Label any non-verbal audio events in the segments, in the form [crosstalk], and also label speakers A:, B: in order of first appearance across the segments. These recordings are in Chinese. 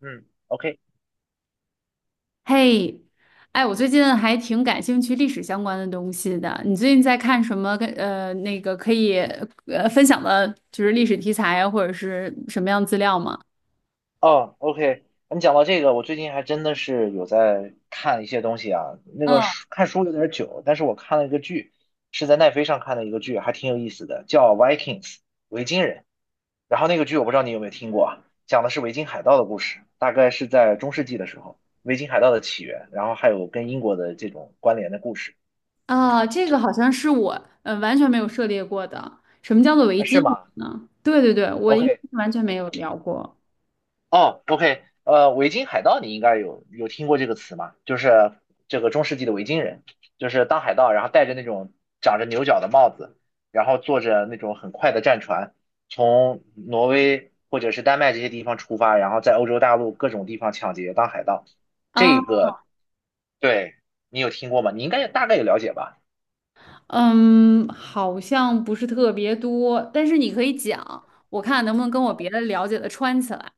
A: 嗯，OK，
B: 嘿，哎，我最近还挺感兴趣历史相关的东西的。你最近在看什么跟？那个可以分享的，就是历史题材啊或者是什么样资料吗？
A: 哦，OK，你讲到这个，我最近还真的是有在看一些东西啊。那个
B: 嗯，
A: 看书有点久，但是我看了一个剧，是在奈飞上看的一个剧，还挺有意思的，叫《Vikings》维京人。然后那个剧我不知道你有没有听过啊，讲的是维京海盗的故事，大概是在中世纪的时候，维京海盗的起源，然后还有跟英国的这种关联的故事。
B: 啊，这个好像是我完全没有涉猎过的。什么叫做维
A: 啊，
B: 京
A: 是吗
B: 呢？对对对，我应该
A: ？OK，
B: 是完全没
A: 对，
B: 有聊过
A: 哦，OK，维京海盗你应该有听过这个词吗？就是这个中世纪的维京人，就是当海盗，然后戴着那种长着牛角的帽子，然后坐着那种很快的战船，从挪威或者是丹麦这些地方出发，然后在欧洲大陆各种地方抢劫当海盗。这
B: 啊。
A: 个，对，你有听过吗？你应该大概有了解吧？
B: 嗯，好像不是特别多，但是你可以讲，我看能不能跟我别的了解的穿起来。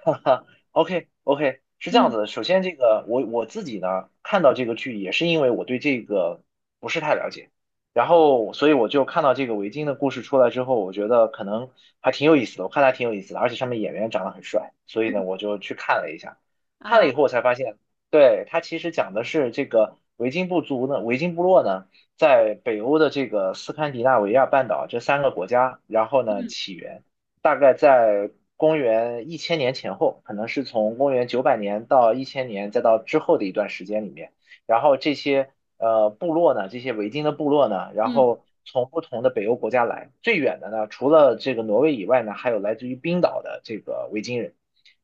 A: [laughs] 哈 OK OK，是这样
B: 嗯
A: 子的。首先，这个我自己呢看到这个剧，也是因为我对这个不是太了解，然后所以我就看到这个维京的故事出来之后，我觉得可能还挺有意思的，我看它挺有意思的，而且上面演员长得很帅，所以呢我就去看了一下，看了
B: 啊，
A: 以后我才发现，对，它其实讲的是这个维京部族呢，维京部落呢在北欧的这个斯堪的纳维亚半岛这三个国家，然后呢
B: 嗯
A: 起源。大概在公元一千年前后，可能是从公元900年到一千年，再到之后的一段时间里面，然后这些部落呢，这些维京的部落呢，然
B: 嗯
A: 后从不同的北欧国家来，最远的呢，除了这个挪威以外呢，还有来自于冰岛的这个维京人。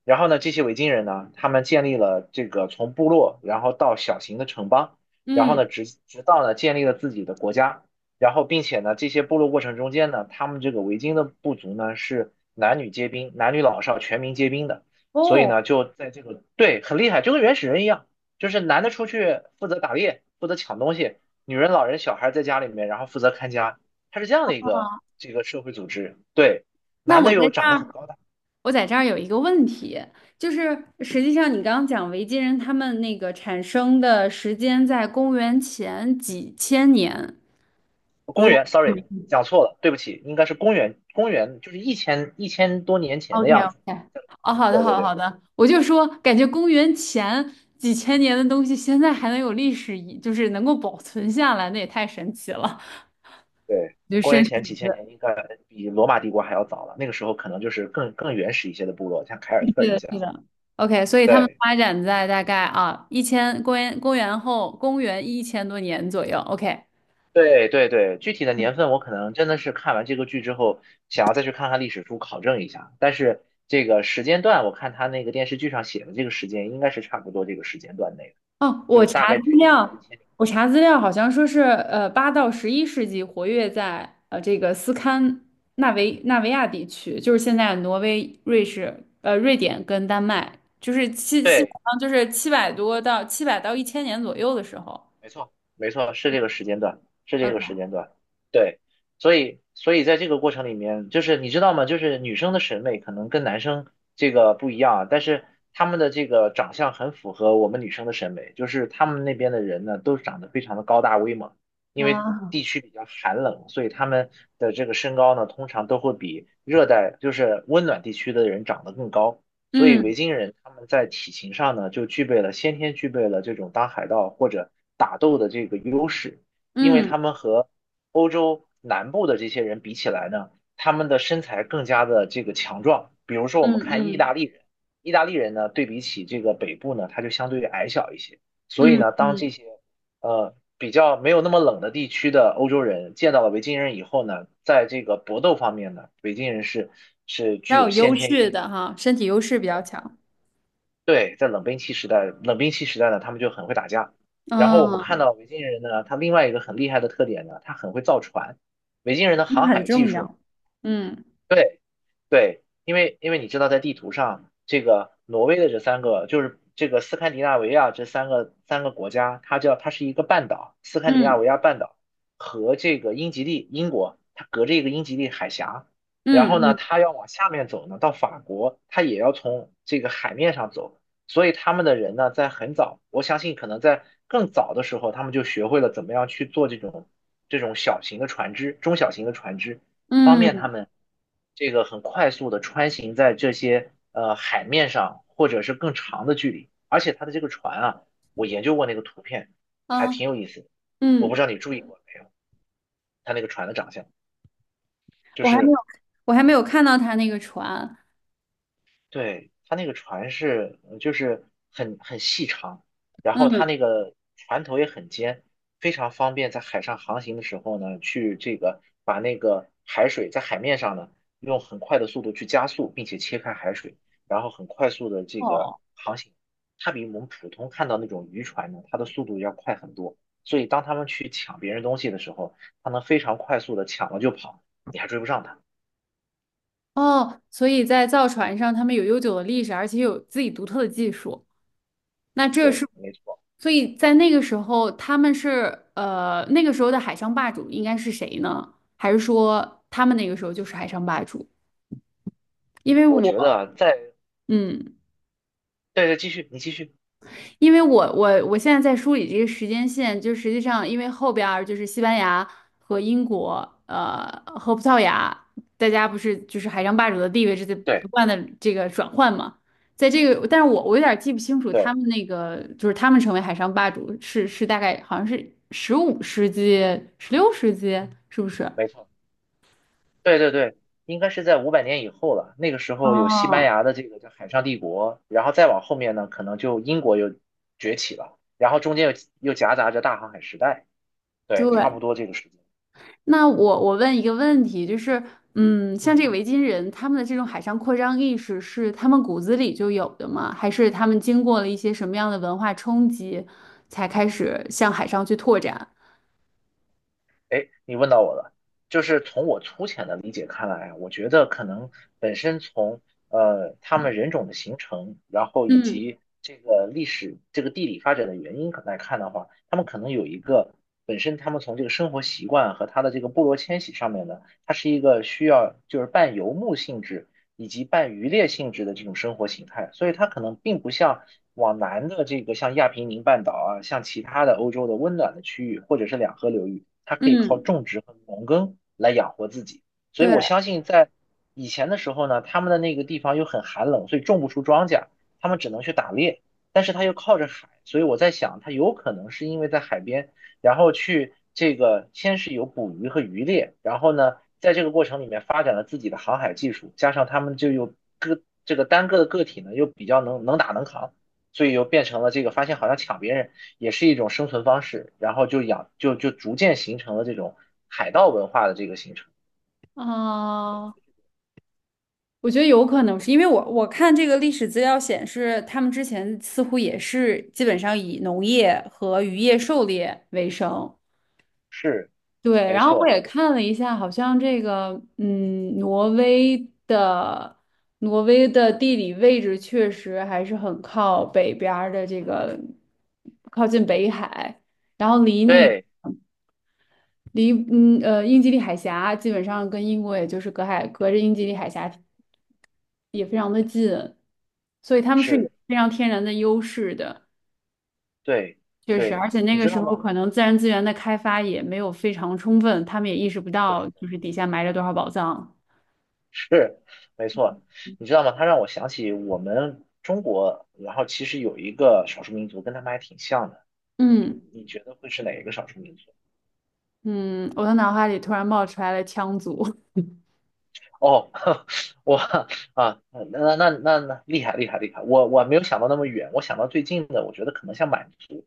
A: 然后呢，这些维京人呢，他们建立了这个从部落，然后到小型的城邦，然后
B: 嗯。
A: 呢，直到呢建立了自己的国家。然后并且呢，这些部落过程中间呢，他们这个维京的部族呢是男女皆兵，男女老少全民皆兵的，所以
B: 哦，
A: 呢就在这个，对，很厉害，就跟原始人一样，就是男的出去负责打猎，负责抢东西，女人、老人、小孩在家里面，然后负责看家，它是这样的一个这个社会组织。对，
B: 那
A: 男
B: 我
A: 的
B: 在
A: 又
B: 这
A: 长得很
B: 儿，
A: 高大，
B: 我在这儿有一个问题，就是实际上你刚刚讲维京人他们那个产生的时间在公元前几千年，
A: 公
B: 如
A: 元，sorry，讲错了，对不起，应该是公元就是一千多年前的
B: OK
A: 样子。
B: OK，哦，好的
A: 对
B: 好
A: 对
B: 的好
A: 对。
B: 的，我就说感觉公元前几千年的东西现在还能有历史遗，就是能够保存下来，那也太神奇了，
A: 对，
B: 就
A: 公
B: 深
A: 元前
B: 深
A: 几千年应该比罗马帝国还要早了，那个时候可能就是更原始一些的部落，像凯
B: [laughs]
A: 尔特
B: 是
A: 人
B: 的，
A: 这
B: 是
A: 样。
B: 的。OK，所以他们
A: 对
B: 发展在大概啊一千公元公元后公元1000多年左右。OK。
A: 对对对，具体的年份我可能真的是看完这个剧之后，想要再去看看历史书考证一下。但是这个时间段，我看他那个电视剧上写的这个时间，应该是差不多这个时间段内的，
B: 哦，
A: 就
B: 我
A: 是大
B: 查
A: 概
B: 资
A: 距离现在一
B: 料，
A: 千年。
B: 我查资料好像说是，8到11世纪活跃在这个斯堪纳维亚地区，就是现在挪威、瑞士、瑞典跟丹麦，就是基基本
A: 对
B: 上就是700到1000年左右的时候。
A: 没错，没错，是这个时间段，是这
B: 呃
A: 个时间段，对，所以在这个过程里面，就是你知道吗？就是女生的审美可能跟男生这个不一样啊，但是他们的这个长相很符合我们女生的审美，就是他们那边的人呢，都长得非常的高大威猛，因为
B: 啊，
A: 地区比较寒冷，所以他们的这个身高呢，通常都会比热带，就是温暖地区的人长得更高。所以维
B: 嗯
A: 京人他们在体型上呢，就具备了先天具备了这种当海盗或者打斗的这个优势，因为
B: 嗯
A: 他们和南部的这些人比起来呢，他们的身材更加的这个强壮。比如说我
B: 嗯
A: 们看意
B: 嗯
A: 大利人，意大利人呢，对比起这个北部呢，他就相对于矮小一些，所以
B: 嗯，
A: 呢，
B: 比
A: 当这些比较没有那么冷的地区的欧洲人见到了维京人以后呢，在这个搏斗方面呢，维京人是具
B: 较
A: 有
B: 有
A: 先
B: 优
A: 天优。
B: 势的哈，身体优势比较强，
A: 对，在冷兵器时代，冷兵器时代呢，他们就很会打架。然后我们看
B: 嗯，
A: 到维京人呢，他另外一个很厉害的特点呢，他很会造船。维京人的
B: 那
A: 航
B: 很
A: 海技
B: 重
A: 术。
B: 要，嗯
A: 对对，因为你知道，在地图上，这个挪威的这三个，就是这个斯堪的纳维亚这三个国家，它是一个半岛，斯堪的纳
B: 嗯
A: 维亚半岛和这个英吉利英国，它隔着一个英吉利海峡，然
B: 嗯
A: 后呢，
B: 嗯
A: 它要往下面走呢，到法国，它也要从这个海面上走，所以他们的人呢，在很早，我相信可能在更早的时候，他们就学会了怎么样去做这种小型的船只、中小型的船只。方便他
B: 嗯
A: 们这个很快速的穿行在这些海面上，或者是更长的距离。而且它的这个船啊，我研究过那个图片，还
B: 啊
A: 挺有意思的。我不知
B: 嗯。
A: 道你注意过没有，它那个船的长相，就
B: 我还没
A: 是，
B: 有，我还没有看到他那个船。
A: 对，它那个船是就是很细长，然后
B: 嗯，
A: 它那个船头也很尖，非常方便在海上航行的时候呢，去这个把那个海水在海面上呢，用很快的速度去加速，并且切开海水，然后很快速的这个
B: 哦
A: 航行。它比我们普通看到那种渔船呢，它的速度要快很多，所以当他们去抢别人东西的时候，它能非常快速的抢了就跑，你还追不上它。
B: 哦，所以在造船上，他们有悠久的历史，而且有自己独特的技术。那这是，
A: 对，没错，
B: 所以在那个时候，他们是那个时候的海上霸主应该是谁呢？还是说他们那个时候就是海上霸主？因为
A: 我
B: 我，
A: 觉得在，
B: 嗯。
A: 对对，继续，你继续。
B: 因为我现在在梳理这个时间线，就实际上因为后边儿就是西班牙和英国，呃，和葡萄牙，大家不是就是海上霸主的地位是在不
A: 对
B: 断的这个转换嘛，在这个，但是我有点儿记不清楚他
A: 对，
B: 们那个就是他们成为海上霸主是大概好像是15世纪、16世纪，是不是？
A: 没错。对对对，应该是在500年以后了。那个时候有西班
B: 哦，
A: 牙的这个叫海上帝国，然后再往后面呢，可能就英国又崛起了，然后中间又夹杂着大航海时代。对，差不
B: 对，
A: 多这个时间。
B: 那我问一个问题，就是，嗯，像这
A: 嗯。
B: 个维京人，他们的这种海上扩张意识是他们骨子里就有的吗？还是他们经过了一些什么样的文化冲击，才开始向海上去拓展？
A: 哎，你问到我了，就是从我粗浅的理解看来啊我觉得可能本身从他们人种的形成，然后以
B: 嗯
A: 及这个历史、这个地理发展的原因来看的话，他们可能有一个本身他们从这个生活习惯和他的这个部落迁徙上面呢，它是一个需要就是半游牧性质以及半渔猎性质的这种生活形态，所以它可能并不像往南的这个像亚平宁半岛啊，像其他的欧洲的温暖的区域或者是两河流域，它可以靠
B: 嗯，
A: 种植和农耕来养活自己。所以我
B: 对。
A: 相信在以前的时候呢，他们的那个地方又很寒冷，所以种不出庄稼，他们只能去打猎，但是他又靠着海，所以我在想，他有可能是因为在海边，然后去。这个先是有捕鱼和渔猎，然后呢，在这个过程里面发展了自己的航海技术，加上他们就有个这个单个的个体呢又比较能打能扛，所以又变成了这个发现好像抢别人也是一种生存方式，然后就养就就逐渐形成了这种海盗文化的这个形成。
B: 啊，我觉得有可能是因为我看这个历史资料显示，他们之前似乎也是基本上以农业和渔业狩猎为生，
A: 是，
B: 对，
A: 没
B: 然后我
A: 错，
B: 也看了一下，好像这个，嗯，的挪威的地理位置确实还是很靠北边儿的，这个靠近北海，然后离那
A: 对，
B: 离嗯呃英吉利海峡基本上跟英国也就是隔着英吉利海峡，所以他们是有
A: 是，
B: 非常天然的优势的，
A: 对，
B: 确实，
A: 对，
B: 而且那
A: 你
B: 个
A: 知
B: 时
A: 道
B: 候
A: 吗？
B: 可能自然资源的开发也没有非常充分，他们也意识不到就
A: 对。
B: 是底下埋着多少宝藏，
A: 是，没错，你知道吗？他让我想起我们中国，然后其实有一个少数民族跟他们还挺像的。你
B: 嗯。
A: 你觉得会是哪一个少数民族？
B: 嗯，我的脑海里突然冒出来了羌族。
A: 哦，[laughs] 我啊，嗯那那那那厉害厉害厉害！我没有想到那么远，我想到最近的，我觉得可能像满族。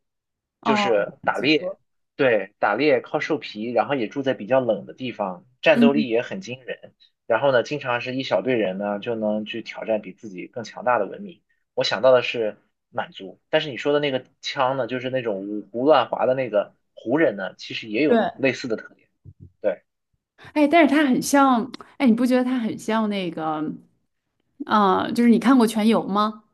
B: [laughs]
A: 就
B: 哦，
A: 是
B: 满
A: 打
B: 族。
A: 猎，对，打猎靠兽皮，然后也住在比较冷的地方，战斗
B: 嗯，
A: 力也很惊人。然后呢，经常是一小队人呢就能去挑战比自己更强大的文明。我想到的是满族，但是你说的那个枪呢，就是那种五胡乱华的那个胡人呢，其实也有
B: 对。
A: 类似的特点。对
B: 哎，但是他很
A: 对，
B: 像，哎，你不觉得他很像那个，啊？就是你看过《全游》吗？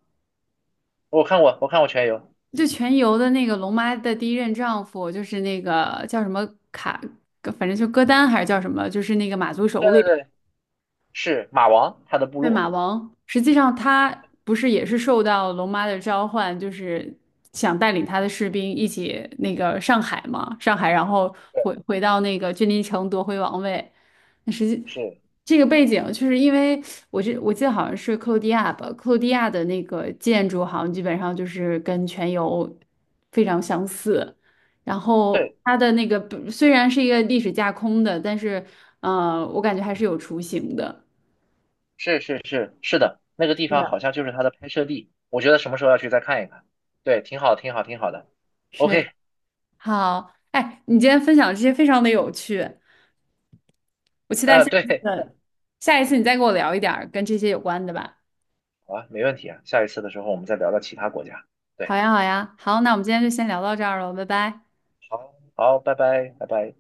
A: 我看过，我看过全游。
B: 就《全游》的那个龙妈的第一任丈夫，就是那个叫什么卡，反正就歌丹还是叫什么，就是那个马族首
A: 对
B: 领。
A: 对对，是马王他的部
B: 对，马
A: 落。
B: 王，实际上他不是也是受到龙妈的召唤，就是想带领他的士兵一起那个上海嘛，上海，然后
A: 对，
B: 回到那个君临城夺回王位。那实际
A: 是。
B: 这个背景，就是因为我记得好像是克罗地亚吧，克罗地亚的那个建筑好像基本上就是跟全游非常相似。然后
A: 对。
B: 它的那个虽然是一个历史架空的，但是我感觉还是有雏形的。
A: 是是是是的，那个
B: 是
A: 地方
B: 的，
A: 好像就是它的拍摄地，我觉得什么时候要去再看一看。对，挺好，挺好，挺好的。
B: 是的
A: OK，
B: 好，哎，你今天分享这些非常的有趣，我期待下一次，
A: 对，
B: 下一次你再给我聊一点儿跟这些有关的吧。
A: 好啊，没问题啊。下一次的时候我们再聊聊其他国家。
B: 好
A: 对，
B: 呀，好呀，好，那我们今天就先聊到这儿了，拜拜。
A: 好，好，拜拜，拜拜。